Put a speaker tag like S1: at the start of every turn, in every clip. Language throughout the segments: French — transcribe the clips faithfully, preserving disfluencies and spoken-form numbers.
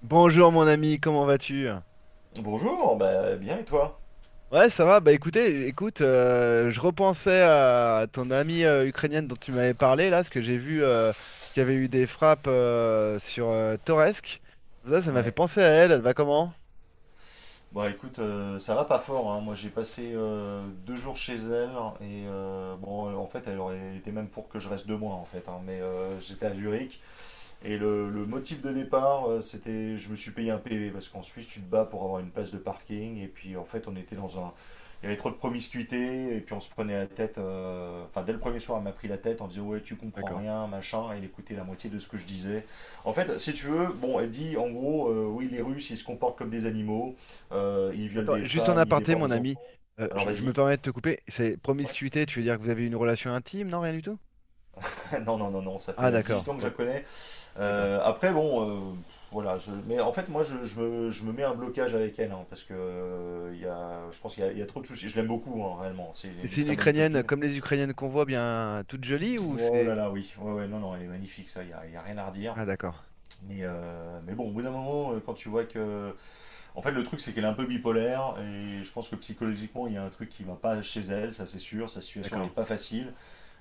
S1: Bonjour mon ami, comment vas-tu?
S2: Bonjour, bah, bien et toi?
S1: Ouais, ça va. Bah écoutez, écoute, euh, je repensais à ton amie euh, ukrainienne dont tu m'avais parlé là, parce que j'ai vu euh, qu'il y avait eu des frappes euh, sur euh, Toretsk. Ça, ça m'a fait
S2: Ouais.
S1: penser à elle. Elle va comment?
S2: Bon écoute, euh, ça va pas fort, hein. Moi j'ai passé euh, deux jours chez elle, et euh, bon, en fait, elle aurait été même pour que je reste deux mois en fait, hein, mais euh, j'étais à Zurich. Et le, le motif de départ, euh, c'était, je me suis payé un P V parce qu'en Suisse, tu te bats pour avoir une place de parking. Et puis en fait, on était dans un... Il y avait trop de promiscuité. Et puis on se prenait la tête. euh, Enfin, dès le premier soir, elle m'a pris la tête en disant: Ouais, tu comprends
S1: D'accord.
S2: rien, machin. Et elle écoutait la moitié de ce que je disais. En fait, si tu veux, bon, elle dit en gros, euh, oui, les Russes, ils se comportent comme des animaux. Euh, ils violent
S1: Attends,
S2: des
S1: juste en
S2: femmes, ils
S1: aparté,
S2: déportent
S1: mon
S2: des
S1: ami,
S2: enfants.
S1: euh,
S2: Alors
S1: je, je me
S2: vas-y.
S1: permets de te couper. C'est
S2: Ouais.
S1: promiscuité, tu veux dire que vous avez une relation intime? Non, rien du tout?
S2: Non, non, non, non, ça
S1: Ah
S2: fait euh, dix-huit
S1: d'accord,
S2: ans que je
S1: ouais,
S2: la connais.
S1: d'accord.
S2: Euh, après, bon, euh, voilà. Je- mais en fait, moi, je, je me, je me mets un blocage avec elle, hein, parce que euh, il y a, je pense qu'il y a, il y a trop de soucis. Je l'aime beaucoup, hein, réellement. C'est
S1: Mais
S2: une
S1: c'est une
S2: très bonne
S1: Ukrainienne
S2: copine.
S1: comme les Ukrainiennes qu'on voit bien, toute jolie ou
S2: Oh
S1: c'est...
S2: là là, oui. Ouais, ouais, non, non, elle est magnifique, ça. Il n'y a, y a rien à redire.
S1: Ah d'accord,
S2: Mais, euh, mais bon, au bout d'un moment, euh, quand tu vois que... En fait, le truc, c'est qu'elle est un peu bipolaire, et je pense que psychologiquement, il y a un truc qui ne va pas chez elle, ça c'est sûr. Sa situation, elle est
S1: d'accord.
S2: pas facile.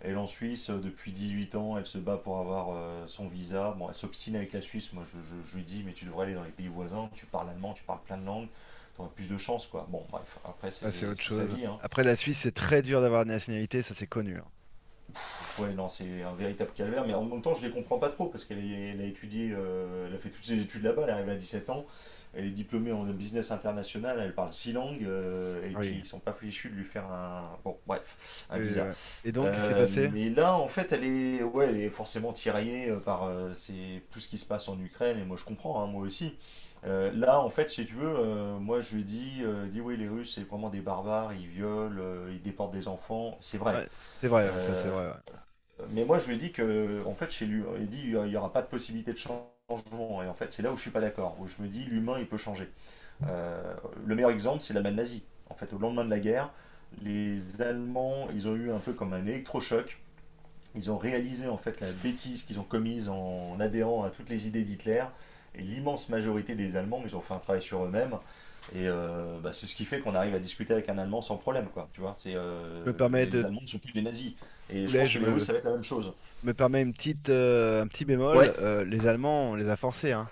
S2: Elle est en Suisse euh, depuis dix-huit ans, elle se bat pour avoir euh, son visa. Bon, elle s'obstine avec la Suisse. Moi, je, je- je lui dis, mais tu devrais aller dans les pays voisins, tu parles allemand, tu parles plein de langues, tu auras plus de chance, quoi. Bon, bref, après, c'est
S1: Ah, c'est autre
S2: sa
S1: chose.
S2: vie, hein.
S1: Après, la Suisse, c'est très dur d'avoir une nationalité, ça c'est connu, hein. Mais bon.
S2: Ouais, non, c'est un véritable calvaire, mais en même temps, je les comprends pas trop parce qu'elle a étudié, euh, elle a fait toutes ses études là-bas, elle est arrivée à dix-sept ans. Elle est diplômée en business international, elle parle six langues, euh, et
S1: Ah
S2: puis
S1: oui.
S2: ils sont pas fichus de lui faire un, bon, bref, un
S1: Et,
S2: visa.
S1: ouais. Et donc, qu'est-ce qui s'est
S2: Euh,
S1: passé?
S2: mais là, en fait, elle est, ouais, elle est forcément tiraillée euh, par euh, ces- tout ce qui se passe en Ukraine, et moi je comprends, hein, moi aussi. Euh, là, en fait, si tu veux, euh, moi je lui dis, euh, elle... oui, les Russes, c'est vraiment des barbares, ils violent, euh, ils déportent des enfants, c'est vrai.
S1: Ouais, c'est vrai, ouais, ça c'est
S2: Euh,
S1: vrai, ouais.
S2: mais moi je lui dis que, en fait, chez lui, il dit, il n'y aura pas de possibilité de changement, et en fait, c'est là où je suis pas d'accord, où je me dis, l'humain, il peut changer. Euh, le meilleur exemple, c'est l'Allemagne nazie. En fait, au lendemain de la guerre, les Allemands, ils ont eu un peu comme un électrochoc. Ils ont réalisé en fait la bêtise qu'ils ont commise en adhérant à toutes les idées d'Hitler. Et l'immense majorité des Allemands, ils ont fait un travail sur eux-mêmes. Et euh, bah, c'est ce qui fait qu'on arrive à discuter avec un Allemand sans problème, quoi. Tu vois, c'est
S1: Je me
S2: euh,
S1: permets
S2: les, les
S1: de
S2: Allemands ne sont plus des nazis. Et je
S1: poulet,
S2: pense que
S1: je
S2: les Russes,
S1: me,
S2: ça va être la même chose.
S1: je me permets une petite, euh, un petit
S2: Ouais.
S1: bémol. Euh, les Allemands, on les a forcés, hein.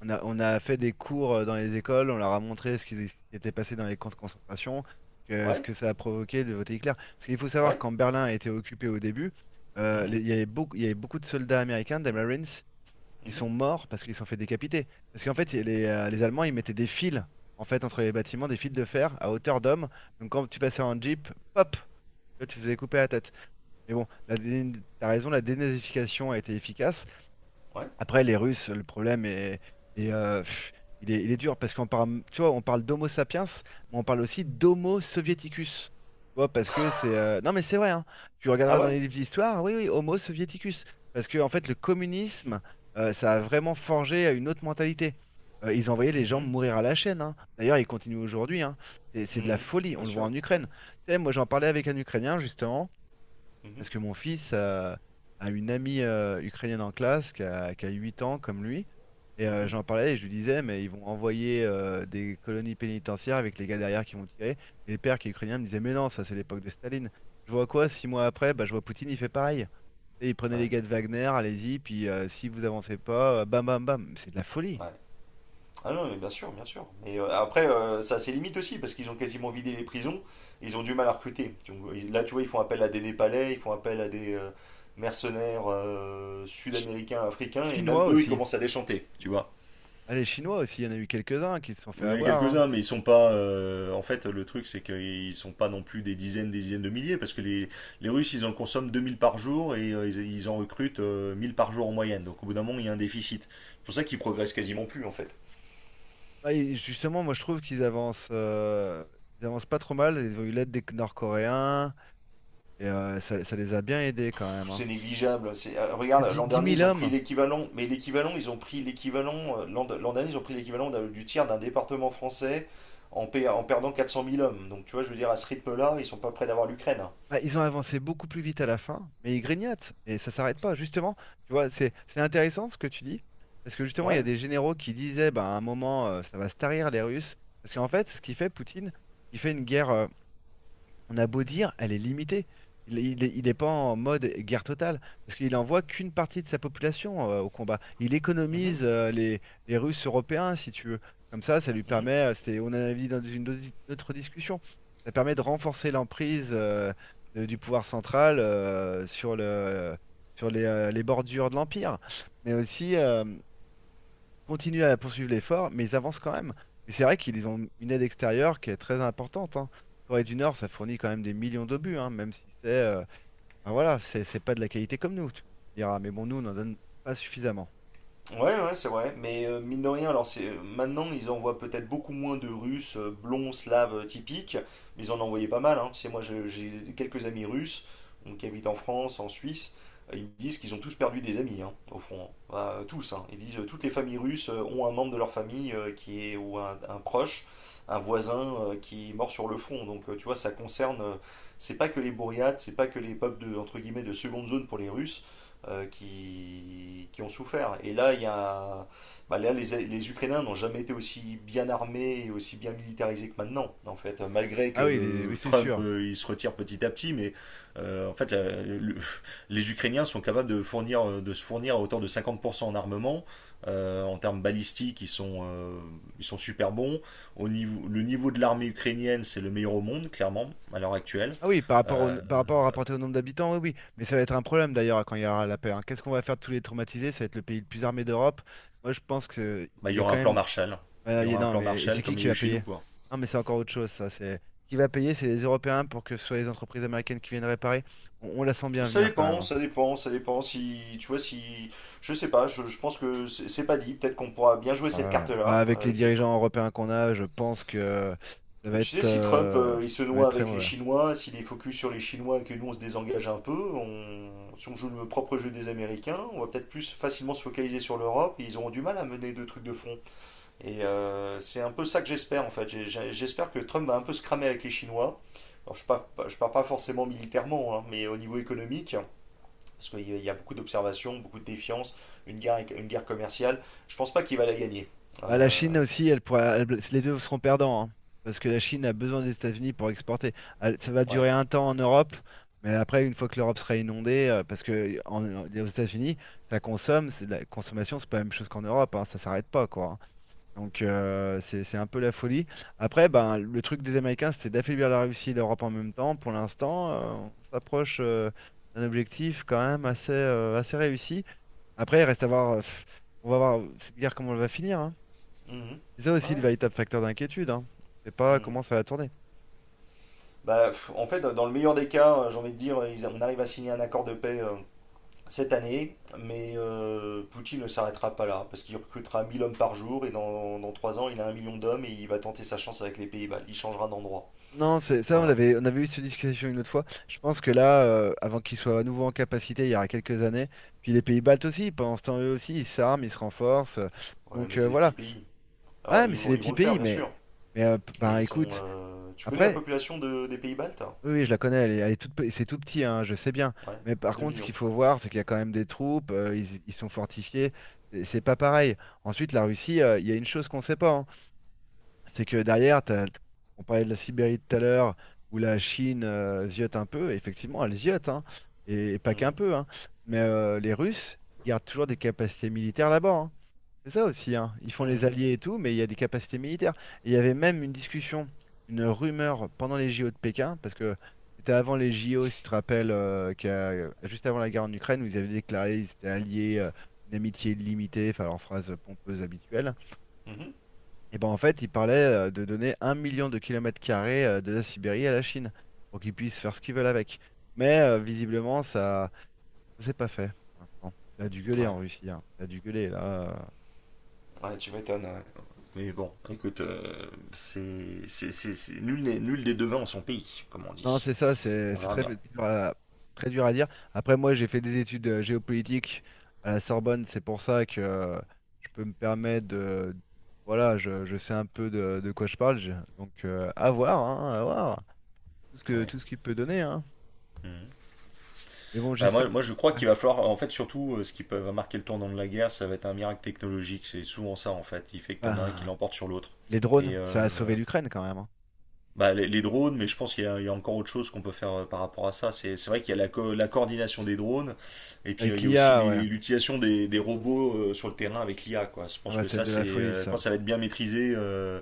S1: On a, on a fait des cours euh, dans les écoles, on leur a montré ce qui, ce qui était passé dans les camps de concentration, que- ce
S2: Ouais,
S1: que ça a provoqué de voter Hitler. Parce qu'il faut savoir
S2: ouais.
S1: quand Berlin a été occupé au début, euh,
S2: Mhm,
S1: les- il y avait beaucoup, il y avait beaucoup de soldats américains, des Marines, ils sont
S2: mhm,
S1: morts parce qu'ils se sont fait décapiter. Parce qu'en fait, les, euh, les Allemands, ils mettaient des fils en fait entre les bâtiments, des fils de fer à hauteur d'homme. Donc quand tu passais en Jeep, pop, tu vois, tu te faisais couper la tête. Mais bon, la, dé- t'as raison, la dénazification a été efficace.
S2: ouais.
S1: Après, les Russes, le problème est, est, euh, pff, il est, il est dur parce qu'on parle, tu vois, on parle d'Homo sapiens, mais on parle aussi d'Homo soviéticus. Tu vois, parce que c'est. Euh, Non, mais c'est vrai, hein. Tu
S2: Ah
S1: regarderas dans
S2: ouais.
S1: les livres d'histoire, oui, oui, Homo soviéticus. Parce que, en fait, le communisme, euh, ça a vraiment forgé une autre mentalité. Euh, ils envoyaient les gens
S2: Mhm,
S1: mourir à la chaîne, hein. D'ailleurs, ils continuent aujourd'hui, hein. C'est c'est de la
S2: mhm.
S1: folie.
S2: Bien
S1: On le voit
S2: sûr.
S1: en Ukraine. Tu sais, moi, j'en parlais avec un Ukrainien, justement.
S2: Mhm,
S1: Parce que mon fils euh, a une amie euh, ukrainienne en classe qui a, qui a huit ans comme lui. Et euh,
S2: mhm.
S1: j'en parlais et je lui disais, mais ils vont envoyer euh, des colonies pénitentiaires avec les gars derrière qui vont tirer. Et les pères qui est ukrainien me disaient, mais non, ça c'est l'époque de Staline. Je vois quoi, six mois après, bah, je vois Poutine, il fait pareil. Et il prenait
S2: Ouais,
S1: les gars de Wagner, allez-y, puis euh, si vous avancez pas, euh, bam bam bam. C'est de la folie.
S2: ouais. Ah non, mais bien sûr, bien sûr. Mais euh, après, euh, ça a ses limites aussi, parce qu'ils ont quasiment vidé les prisons, ils ont du mal à recruter. Donc, ils- là, tu vois, ils font appel à des Népalais, ils font appel à des euh, mercenaires euh,
S1: Ch-
S2: sud-américains, africains, et même
S1: Chinois
S2: eux, ils
S1: aussi.
S2: commencent à déchanter, tu vois.
S1: Ah, les Chinois aussi, il y en a eu quelques-uns qui se sont fait
S2: Il y en a
S1: avoir, hein.
S2: quelques-uns, mais ils sont pas... euh, En fait, le truc, c'est qu'ils sont pas non plus des dizaines, des dizaines de milliers, parce que les, les Russes, ils en consomment deux mille par jour, et euh, ils, ils en recrutent euh, mille par jour en moyenne. Donc, au bout d'un moment, il y a un déficit. C'est pour ça qu'ils progressent quasiment plus, en fait.
S1: Bah, et justement, moi je trouve qu'ils avancent, euh, ils avancent pas trop mal. Ils ont eu l'aide des Nord-Coréens et euh, ça, ça les a bien aidés quand même, hein.
S2: C'est négligeable. Euh, regarde,
S1: dix
S2: l'an
S1: 10
S2: dernier,
S1: 000
S2: ils ont pris
S1: hommes,
S2: l'équivalent, mais l'équivalent, ils ont pris l'équivalent, euh, l'an dernier, ils ont pris l'équivalent du tiers d'un département français en, en perdant quatre cent mille hommes. Donc, tu vois, je veux dire, à ce rythme-là, ils sont pas près d'avoir l'Ukraine, hein.
S1: bah, ils ont avancé beaucoup plus vite à la fin, mais ils grignotent et ça s'arrête pas. Justement, tu vois, c'est c'est intéressant ce que tu dis parce que justement, il y a
S2: Ouais.
S1: des généraux qui disaient bah, à un moment euh, ça va se tarir les Russes parce qu'en fait, ce qu'il fait Poutine, il fait une guerre. On a beau dire, elle est limitée. Il, il, est il est pas en mode guerre totale, parce qu'il envoie qu'une partie de sa population euh, au combat. Il
S2: Mhm.
S1: économise euh, les, les Russes européens, si tu veux. Comme ça, ça lui
S2: Mhm.
S1: permet, euh, c'est, on a dit dans une autre autre discussion, ça permet de renforcer l'emprise euh, de- du pouvoir central euh, sur le, sur les, euh, les bordures de l'Empire. Mais aussi, euh, continuent à poursuivre l'effort, mais ils avancent quand même. Mais c'est vrai qu'ils ont une aide extérieure qui est très importante, hein. Corée du Nord, ça fournit quand même des millions d'obus, hein, même si c'est euh, ben voilà, c'est c'est pas de la qualité comme nous, tu tu me diras. Mais bon, nous, on n'en donne pas suffisamment.
S2: Ouais, ouais, c'est vrai. Mais euh, mine de rien, alors c'est euh, maintenant ils envoient peut-être beaucoup moins de Russes euh, blonds, slaves euh, typiques, mais ils en envoyaient pas mal, hein. Tu sais, moi, je- j'ai quelques amis russes donc, qui habitent en France, en Suisse. euh, Ils me disent qu'ils ont tous perdu des amis, hein, au fond, hein. Bah, euh, tous, hein. Ils disent euh, toutes les familles russes euh, ont un membre de leur famille euh, qui est... ou un, un proche, un voisin euh, qui est mort sur le front. Donc, euh, tu vois, ça concerne... euh, c'est pas que les bourriades, c'est pas que les peuples de, entre guillemets, de seconde zone pour les Russes euh, qui, qui ont souffert. Et là, il y a, bah là les, les Ukrainiens n'ont jamais été aussi bien armés et aussi bien militarisés que maintenant, en fait, malgré que
S1: Ah oui, les- oui,
S2: euh,
S1: c'est
S2: Trump
S1: sûr.
S2: euh, il se retire petit à petit, mais euh, en fait, la- le- les Ukrainiens sont capables de, fournir, euh, de se fournir à hauteur de cinquante pour cent en armement. Euh, en termes balistiques, ils sont, euh, ils sont super bons. Au niveau, le niveau de l'armée ukrainienne, c'est le meilleur au monde, clairement, à l'heure actuelle.
S1: Ah oui, par rapport au,
S2: Euh,
S1: par rapport à rapporté au nombre d'habitants, oui, oui. Mais ça va être un problème d'ailleurs quand il y aura la paix, hein. Qu'est-ce qu'on va faire de tous les traumatisés? Ça va être le pays le plus armé d'Europe. Moi, je pense qu'il
S2: Bah, il y
S1: y a
S2: aura
S1: quand
S2: un plan
S1: même...
S2: Marshall. Il y
S1: Ouais, y-
S2: aura un
S1: non,
S2: plan
S1: mais et c'est
S2: Marshall
S1: qui
S2: comme il y
S1: qui
S2: a eu
S1: va
S2: chez nous,
S1: payer?
S2: quoi.
S1: Non, mais c'est encore autre chose, ça. C'est qui va payer, c'est les Européens pour que ce soit les entreprises américaines qui viennent réparer. On, on la sent bien
S2: Ça
S1: venir quand même,
S2: dépend,
S1: hein.
S2: ça dépend, ça dépend. Si tu vois, si... je sais pas, je, je pense que c'est c'est pas dit. Peut-être qu'on pourra bien jouer cette
S1: Ouais. Bah,
S2: carte-là.
S1: avec les
S2: Euh, c'est pas...
S1: dirigeants européens qu'on a, je pense que ça
S2: Et
S1: va
S2: tu sais,
S1: être,
S2: si Trump
S1: euh,
S2: euh, il se
S1: ça va
S2: noie
S1: être très
S2: avec les
S1: mauvais, hein.
S2: Chinois, s'il est focus sur les Chinois et que nous on se désengage un peu, on... si on joue le propre jeu des Américains, on va peut-être plus facilement se focaliser sur l'Europe. Et ils auront du mal à mener deux trucs de fond. Et euh, c'est un peu ça que j'espère en fait. J'ai- j'ai- J'espère que Trump va un peu se cramer avec les Chinois. Alors, je ne parle pas- je pars pas forcément militairement, hein, mais au niveau économique, parce qu'il y a- il y a beaucoup d'observations, beaucoup de défiance, une guerre, éco- une guerre commerciale. Je pense pas qu'il va la gagner.
S1: Bah, la
S2: Euh,
S1: Chine aussi, elle pourra, elle- les deux seront perdants, hein, parce que la Chine a besoin des États-Unis pour exporter. Elle- ça va
S2: ouais.
S1: durer un temps en Europe, mais après, une fois que l'Europe sera inondée, euh, parce que en- en- aux États-Unis, ça consomme, c'est de la consommation, c'est pas la même chose qu'en Europe, hein, ça s'arrête pas, quoi, hein. Donc euh, c'est c'est un peu la folie. Après, ben, le truc des Américains, c'est d'affaiblir la Russie et l'Europe en même temps. Pour l'instant, euh, on s'approche euh, d'un objectif quand même assez, euh, assez réussi. Après, il reste à voir, euh, pff, on va voir cette guerre comment elle va finir, hein.
S2: Mhm.
S1: C'est ça aussi le
S2: Ouais.
S1: véritable facteur d'inquiétude, hein. On sait pas
S2: Mhm.
S1: comment ça va tourner.
S2: Bah, pff, en fait, dans le meilleur des cas, euh, j'ai envie de dire, ils- on arrive à signer un accord de paix euh, cette année, mais euh, Poutine ne s'arrêtera pas là, parce qu'il recrutera mille hommes par jour, et dans, dans trois ans, il a un million d'hommes, et il va tenter sa chance avec les pays baltes. Il changera d'endroit.
S1: Non, c'est ça, on
S2: Voilà.
S1: avait, on avait eu cette discussion une autre fois. Je pense que là, euh, avant qu'ils soient à nouveau en capacité, il y aura quelques années, puis les pays baltes aussi, pendant ce temps, eux aussi, ils s'arment, ils se renforcent.
S2: Ouais,
S1: Donc
S2: mais
S1: euh,
S2: c'est des petits
S1: voilà.
S2: pays. Alors,
S1: Ouais, mais
S2: ils
S1: c'est
S2: vont,
S1: des
S2: ils
S1: petits
S2: vont le faire,
S1: pays,
S2: bien
S1: mais,
S2: sûr.
S1: mais euh, p-
S2: Mais ils
S1: bah,
S2: sont...
S1: écoute,
S2: euh, Tu connais la
S1: après,
S2: population de- des pays baltes?
S1: oui, oui, je la connais, elle est, elle est toute, pe- c'est tout petit, hein, je sais bien.
S2: Ouais.
S1: Mais par
S2: Deux
S1: contre, ce
S2: millions.
S1: qu'il faut voir, c'est qu'il y a quand même des troupes, euh, ils, ils sont fortifiés, c'est c'est pas pareil. Ensuite, la Russie, euh, il y a une chose qu'on sait pas, hein, c'est que derrière, t'as- on parlait de la Sibérie tout à l'heure, où la Chine euh, ziote un peu, et effectivement, elle ziote, hein, et, et pas qu'un
S2: Mhm.
S1: peu, hein. Mais euh, les Russes ils gardent toujours des capacités militaires là-bas, hein. C'est ça aussi, hein. Ils font les
S2: Mhm.
S1: alliés et tout, mais il y a des capacités militaires. Et il y avait même une discussion, une rumeur pendant les J O de Pékin, parce que c'était avant les J O, si tu te rappelles, euh, qu'à- juste avant la guerre en Ukraine, où ils avaient déclaré qu'ils étaient alliés, euh, une amitié illimitée, enfin leur phrase pompeuse habituelle.
S2: Mhm.
S1: Et ben en fait, ils parlaient euh, de donner un million de kilomètres carrés euh, de la Sibérie à la Chine, pour qu'ils puissent faire ce qu'ils veulent avec. Mais euh, visiblement, ça, ça s'est pas fait pour l'instant. Ça a dû gueuler
S2: Ouais.
S1: en Russie, hein. Ça a dû gueuler là. Euh.
S2: Ouais, tu m'étonnes, ouais. Mais bon, écoute, euh, c'est... c'est- c'est- c'est- Nul, n'est- nul des devins en son pays, comme on
S1: Non,
S2: dit.
S1: c'est ça, c'est
S2: On
S1: c'est
S2: verra
S1: très
S2: bien.
S1: dur à, très dur à dire. Après, moi, j'ai fait des études euh, géopolitiques à la Sorbonne, c'est pour ça que euh, je peux me permettre de... Voilà, je, je sais un peu de, de quoi je parle, je- donc euh, à voir, hein, à voir, tout ce que,
S2: Ouais.
S1: tout ce qu'il peut donner, hein.
S2: Mhm.
S1: Mais bon,
S2: Bah,
S1: j'espère...
S2: moi, moi, je crois
S1: Ouais.
S2: qu'il va falloir, en fait, surtout, euh, ce qui peut... va marquer le tournant de la guerre, ça va être un miracle technologique. C'est souvent ça, en fait. Il fait que t'en as un qui
S1: Ben,
S2: l'emporte sur l'autre.
S1: les
S2: Et
S1: drones,
S2: euh,
S1: ça a sauvé l'Ukraine quand même, hein.
S2: bah, les, les drones, mais je pense qu'il y a, il y a encore autre chose qu'on peut faire euh, par rapport à ça. C'est c'est vrai qu'il y a la, co- la coordination des drones, et puis euh,
S1: Avec
S2: il y a aussi
S1: l'I A, ouais.
S2: les- l'utilisation des, des robots euh, sur le terrain avec l'I A, quoi. Je
S1: Ah
S2: pense
S1: bah,
S2: que
S1: c'est
S2: ça,
S1: de la
S2: c'est
S1: folie,
S2: euh, quand
S1: ça.
S2: ça va être bien maîtrisé, euh,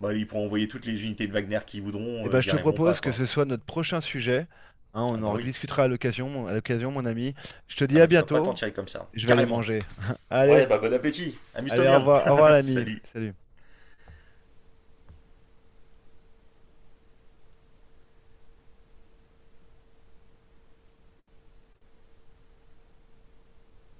S2: bah, ils pourront envoyer toutes les unités de Wagner qu'ils voudront,
S1: Et
S2: euh,
S1: ben,
S2: ils
S1: je
S2: y
S1: te
S2: arriveront pas,
S1: propose que
S2: quoi.
S1: ce soit notre prochain sujet, hein, on
S2: Ah
S1: en
S2: bah oui.
S1: rediscutera à l'occasion, mon- à l'occasion, mon ami. Je te dis
S2: Ah
S1: à
S2: bah tu vas pas
S1: bientôt.
S2: t'en tirer comme ça.
S1: Je vais aller
S2: Carrément.
S1: manger.
S2: Ouais,
S1: Allez,
S2: bah bon appétit. Amuse-toi
S1: allez, au
S2: bien.
S1: revoir, au revoir l'ami.
S2: Salut.
S1: Salut.